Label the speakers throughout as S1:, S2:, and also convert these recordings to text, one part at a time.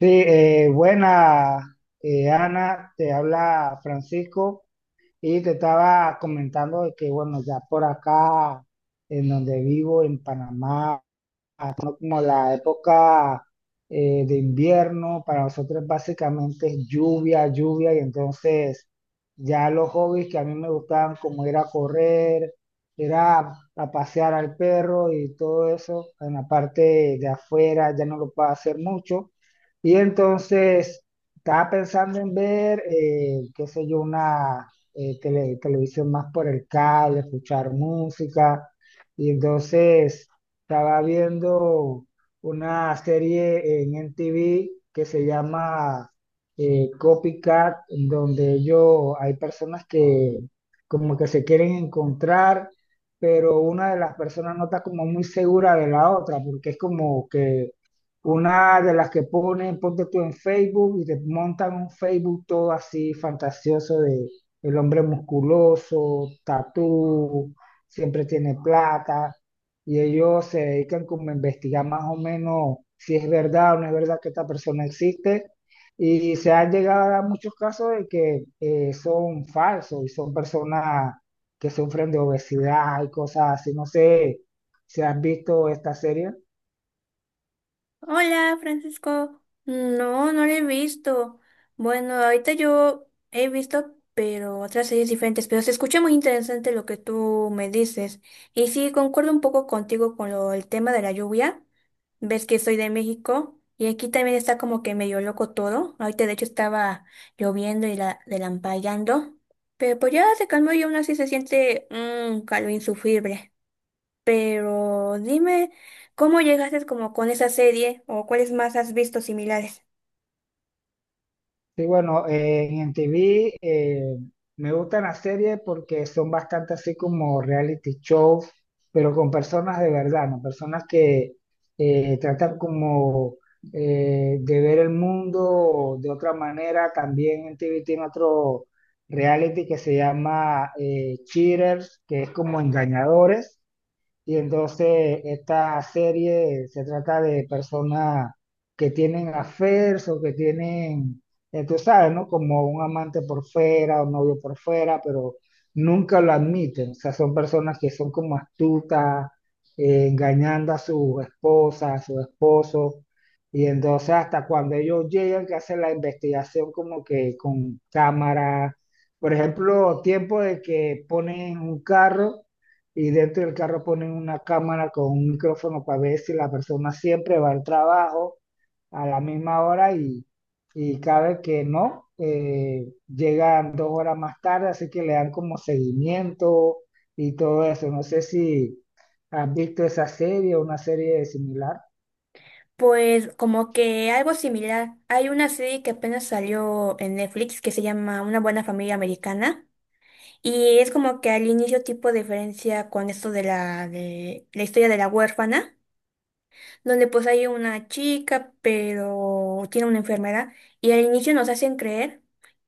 S1: Sí, buena, Ana, te habla Francisco y te estaba comentando de que, bueno, ya por acá, en donde vivo, en Panamá. Ajá, como la época de invierno, para nosotros básicamente es lluvia, lluvia, y entonces ya los hobbies que a mí me gustaban, como ir a correr, ir a pasear al perro y todo eso, en la parte de afuera ya no lo puedo hacer mucho. Y entonces estaba pensando en ver, qué sé yo, una televisión más por el cable, escuchar música, y entonces... Estaba viendo una serie en MTV que se llama Copycat, en donde ellos, hay personas que como que se quieren encontrar, pero una de las personas no está como muy segura de la otra, porque es como que una de las que ponen, ponte tú en Facebook y te montan un Facebook todo así fantasioso de el hombre musculoso, tatú, siempre tiene plata y ellos se dedican como a investigar más o menos si es verdad o no es verdad que esta persona existe. Y se han llegado a dar muchos casos de que son falsos y son personas que sufren de obesidad y cosas así. No sé si has visto esta serie.
S2: Hola, Francisco. No, no la he visto. Bueno, ahorita yo he visto, pero otras series diferentes, pero se escucha muy interesante lo que tú me dices. Y sí, concuerdo un poco contigo con lo, el tema de la lluvia. Ves que soy de México y aquí también está como que medio loco todo. Ahorita de hecho estaba lloviendo y la delampallando, pero pues ya se calmó y aún así se siente un calor insufrible. Pero dime, ¿cómo llegaste como con esa serie o cuáles más has visto similares?
S1: Sí, bueno, en MTV me gustan las series porque son bastante así como reality shows, pero con personas de verdad, ¿no? Personas que tratan como de ver el mundo de otra manera. También MTV tiene otro reality que se llama Cheaters, que es como engañadores. Y entonces esta serie se trata de personas que tienen affairs o que tienen, tú sabes, ¿no? Como un amante por fuera, un novio por fuera, pero nunca lo admiten. O sea, son personas que son como astutas, engañando a su esposa, a su esposo. Y entonces hasta cuando ellos llegan, que hacen la investigación como que con cámara, por ejemplo, tiempo de que ponen un carro y dentro del carro ponen una cámara con un micrófono para ver si la persona siempre va al trabajo a la misma hora y cada vez que no, llegan dos horas más tarde, así que le dan como seguimiento y todo eso. No sé si has visto esa serie o una serie similar.
S2: Pues como que algo similar. Hay una serie que apenas salió en Netflix que se llama Una buena familia americana y es como que al inicio tipo diferencia con esto de la historia de la huérfana, donde pues hay una chica pero tiene una enfermedad y al inicio nos hacen creer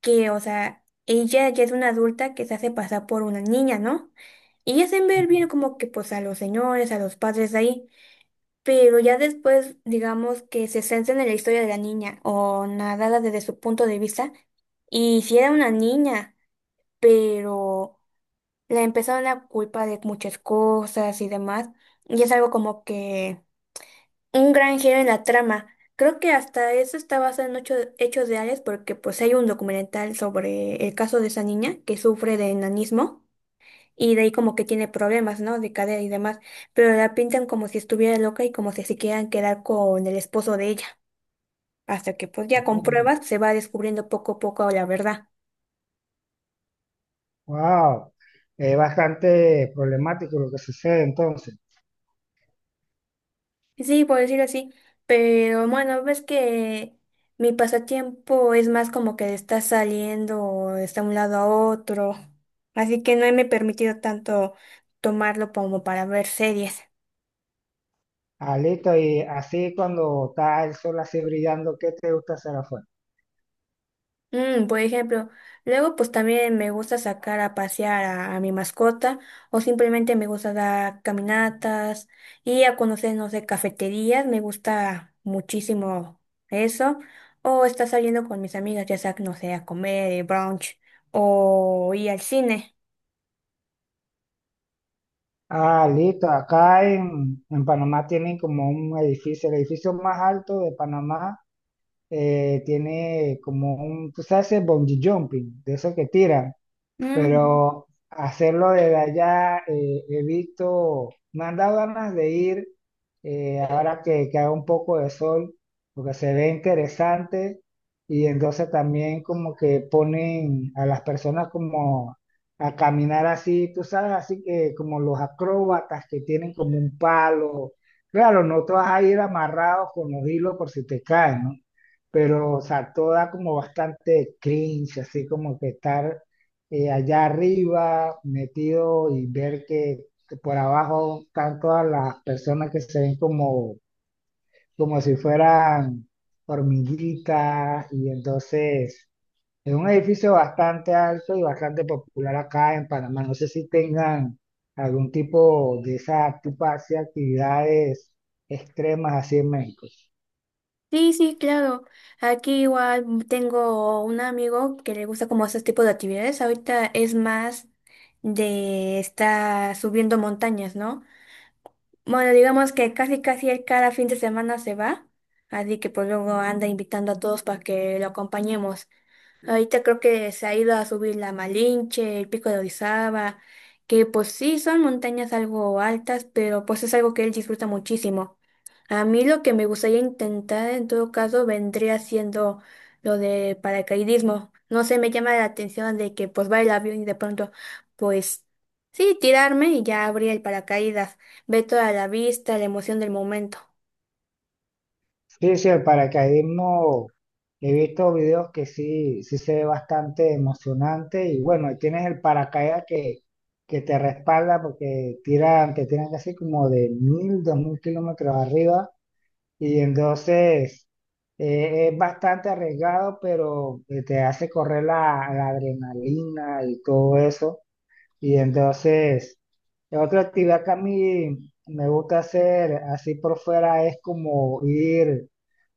S2: que, o sea, ella ya es una adulta que se hace pasar por una niña, ¿no? Y hacen ver bien
S1: Mm.
S2: como que pues a los señores, a los padres ahí, pero ya después digamos que se centran en la historia de la niña o nada desde su punto de vista. Y si era una niña, pero la empezaron a culpar de muchas cosas y demás, y es algo como que un gran giro en la trama. Creo que hasta eso está basado en hechos reales porque pues hay un documental sobre el caso de esa niña que sufre de enanismo y de ahí como que tiene problemas, ¿no? De cadera y demás, pero la pintan como si estuviera loca y como si se quieran quedar con el esposo de ella, hasta que pues ya con pruebas se va descubriendo poco a poco la verdad.
S1: Wow, es bastante problemático lo que sucede entonces.
S2: Sí, por decirlo así, pero bueno, ves que mi pasatiempo es más como que está saliendo o de un lado a otro, así que no me he permitido tanto tomarlo como para ver series.
S1: Ah, listo, y así cuando está el sol así brillando, ¿qué te gusta hacer afuera?
S2: Mm, por ejemplo, luego pues también me gusta sacar a pasear a mi mascota o simplemente me gusta dar caminatas y a conocer, no sé, cafeterías, me gusta muchísimo eso o estar saliendo con mis amigas, ya sea, no sé, a comer, brunch o ir al cine.
S1: Ah, listo. Acá en Panamá tienen como un edificio, el edificio más alto de Panamá, tiene como un, tú sabes, el bungee jumping, de eso que tiran,
S2: Mm.
S1: pero hacerlo desde allá, he visto, me han dado ganas de ir ahora que haga un poco de sol, porque se ve interesante y entonces también como que ponen a las personas como a caminar así, tú sabes, así que como los acróbatas que tienen como un palo. Claro, no te vas a ir amarrados con los hilos por si te caen, ¿no? Pero, o sea, todo da como bastante cringe, así como que estar allá arriba metido y ver que por abajo están todas las personas que se ven como, como si fueran hormiguitas, y entonces es un edificio bastante alto y bastante popular acá en Panamá. No sé si tengan algún tipo de esa tipo de actividades extremas así en México.
S2: Sí, sí, claro. Aquí igual tengo un amigo que le gusta como esos tipos de actividades. Ahorita es más de estar subiendo montañas, ¿no? Bueno, digamos que casi casi él cada fin de semana se va, así que pues luego anda invitando a todos para que lo acompañemos. Ahorita creo que se ha ido a subir la Malinche, el Pico de Orizaba, que pues sí son montañas algo altas, pero pues es algo que él disfruta muchísimo. A mí lo que me gustaría intentar en todo caso vendría siendo lo de paracaidismo. No sé, me llama la atención de que pues va el avión y de pronto pues sí, tirarme y ya abrir el paracaídas, ver toda la vista, la emoción del momento.
S1: Sí, sí, el paracaidismo, he visto videos que sí, sí se ve bastante emocionante y bueno, y tienes el paracaídas que te respalda porque tiran, te tiran casi como de mil, dos mil kilómetros arriba y entonces es bastante arriesgado, pero te hace correr la adrenalina y todo eso y entonces... Otra actividad que a mí me gusta hacer así por fuera es como ir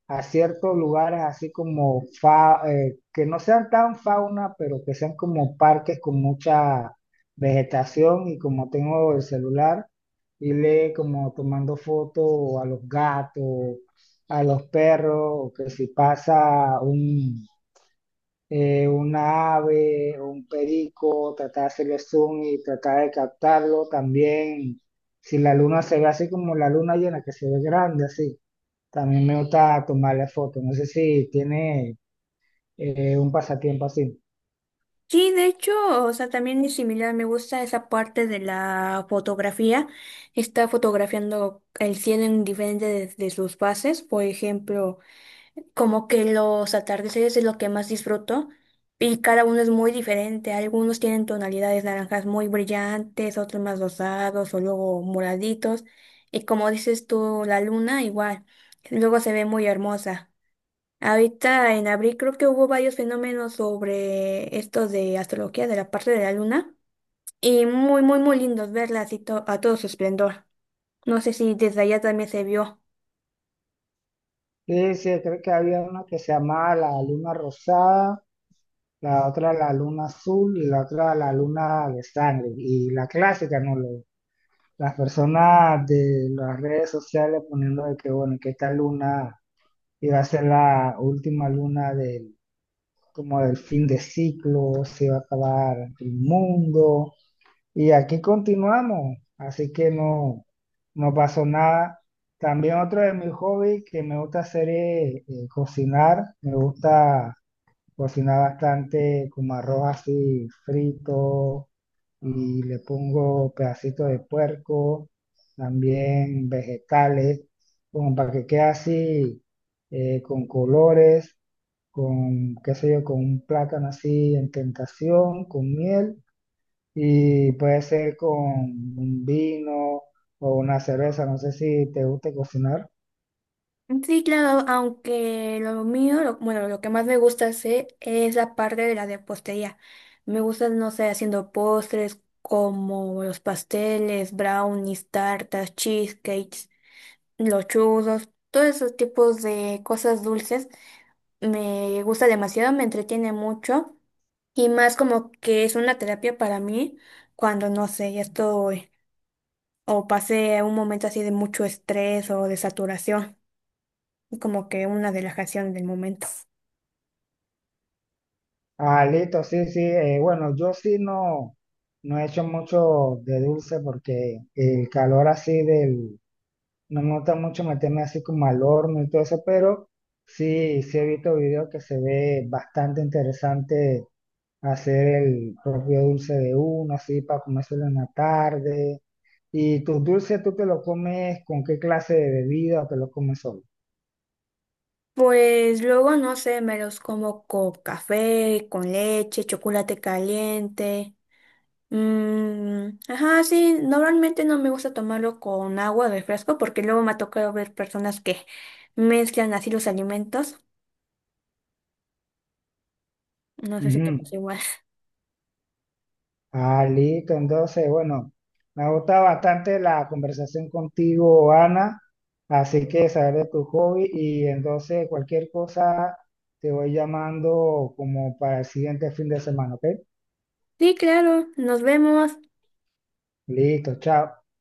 S1: a ciertos lugares así como que no sean tan fauna, pero que sean como parques con mucha vegetación, y como tengo el celular y le como tomando fotos a los gatos, a los perros, o que si pasa una ave, un perico, tratar de hacerle zoom y tratar de captarlo también. Si la luna se ve así como la luna llena, que se ve grande así. También me gusta tomarle fotos. No sé si tiene un pasatiempo así.
S2: Sí, de hecho, o sea, también es similar, me gusta esa parte de la fotografía. Está fotografiando el cielo en diferentes de sus fases, por ejemplo, como que los atardeceres es lo que más disfruto y cada uno es muy diferente. Algunos tienen tonalidades naranjas muy brillantes, otros más rosados o luego moraditos. Y como dices tú, la luna igual, luego se ve muy hermosa. Ahorita en abril creo que hubo varios fenómenos sobre esto de astrología de la parte de la luna y muy, muy, muy lindos verla así a todo su esplendor. No sé si desde allá también se vio.
S1: Sí, sí, creo que había una que se llamaba la luna rosada, la otra la luna azul y la otra la luna de sangre. Y la clásica, ¿no? Las personas de las redes sociales poniendo de que, bueno, que esta luna iba a ser la última luna del, como del fin de ciclo, se iba a acabar el mundo. Y aquí continuamos, así que no, no pasó nada. También otro de mis hobbies que me gusta hacer es cocinar. Me gusta cocinar bastante como arroz así frito y le pongo pedacitos de puerco, también vegetales, como para que quede así con colores, con qué sé yo, con un plátano así en tentación, con miel, y puede ser con un vino o una cerveza. No sé si te guste cocinar.
S2: Sí, claro, aunque bueno, lo que más me gusta hacer es la parte de la repostería. Me gusta, no sé, haciendo postres como los pasteles, brownies, tartas, cheesecakes, los churros, todos esos tipos de cosas dulces. Me gusta demasiado, me entretiene mucho y más como que es una terapia para mí cuando no sé, ya estoy o pasé un momento así de mucho estrés o de saturación, como que una relajación del momento.
S1: Ah, listo, sí, sí. Bueno, yo sí no, no he hecho mucho de dulce porque el calor así del... No me gusta mucho meterme así como al horno y todo eso, pero sí, sí he visto videos que se ve bastante interesante hacer el propio dulce de uno, así para comérselo en la tarde. ¿Y tus dulces tú te lo comes con qué clase de bebida o te lo comes solo?
S2: Pues luego no sé, me los como con café, con leche, chocolate caliente. Mm, ajá, sí, normalmente no me gusta tomarlo con agua de refresco porque luego me ha tocado ver personas que mezclan así los alimentos. No sé si te
S1: Ujú.
S2: pasa igual.
S1: Ah, listo. Entonces, bueno, me gusta bastante la conversación contigo, Ana. Así que saber de tu hobby, y entonces cualquier cosa te voy llamando como para el siguiente fin de semana, ¿ok?
S2: Sí, claro, nos vemos.
S1: Listo, chao.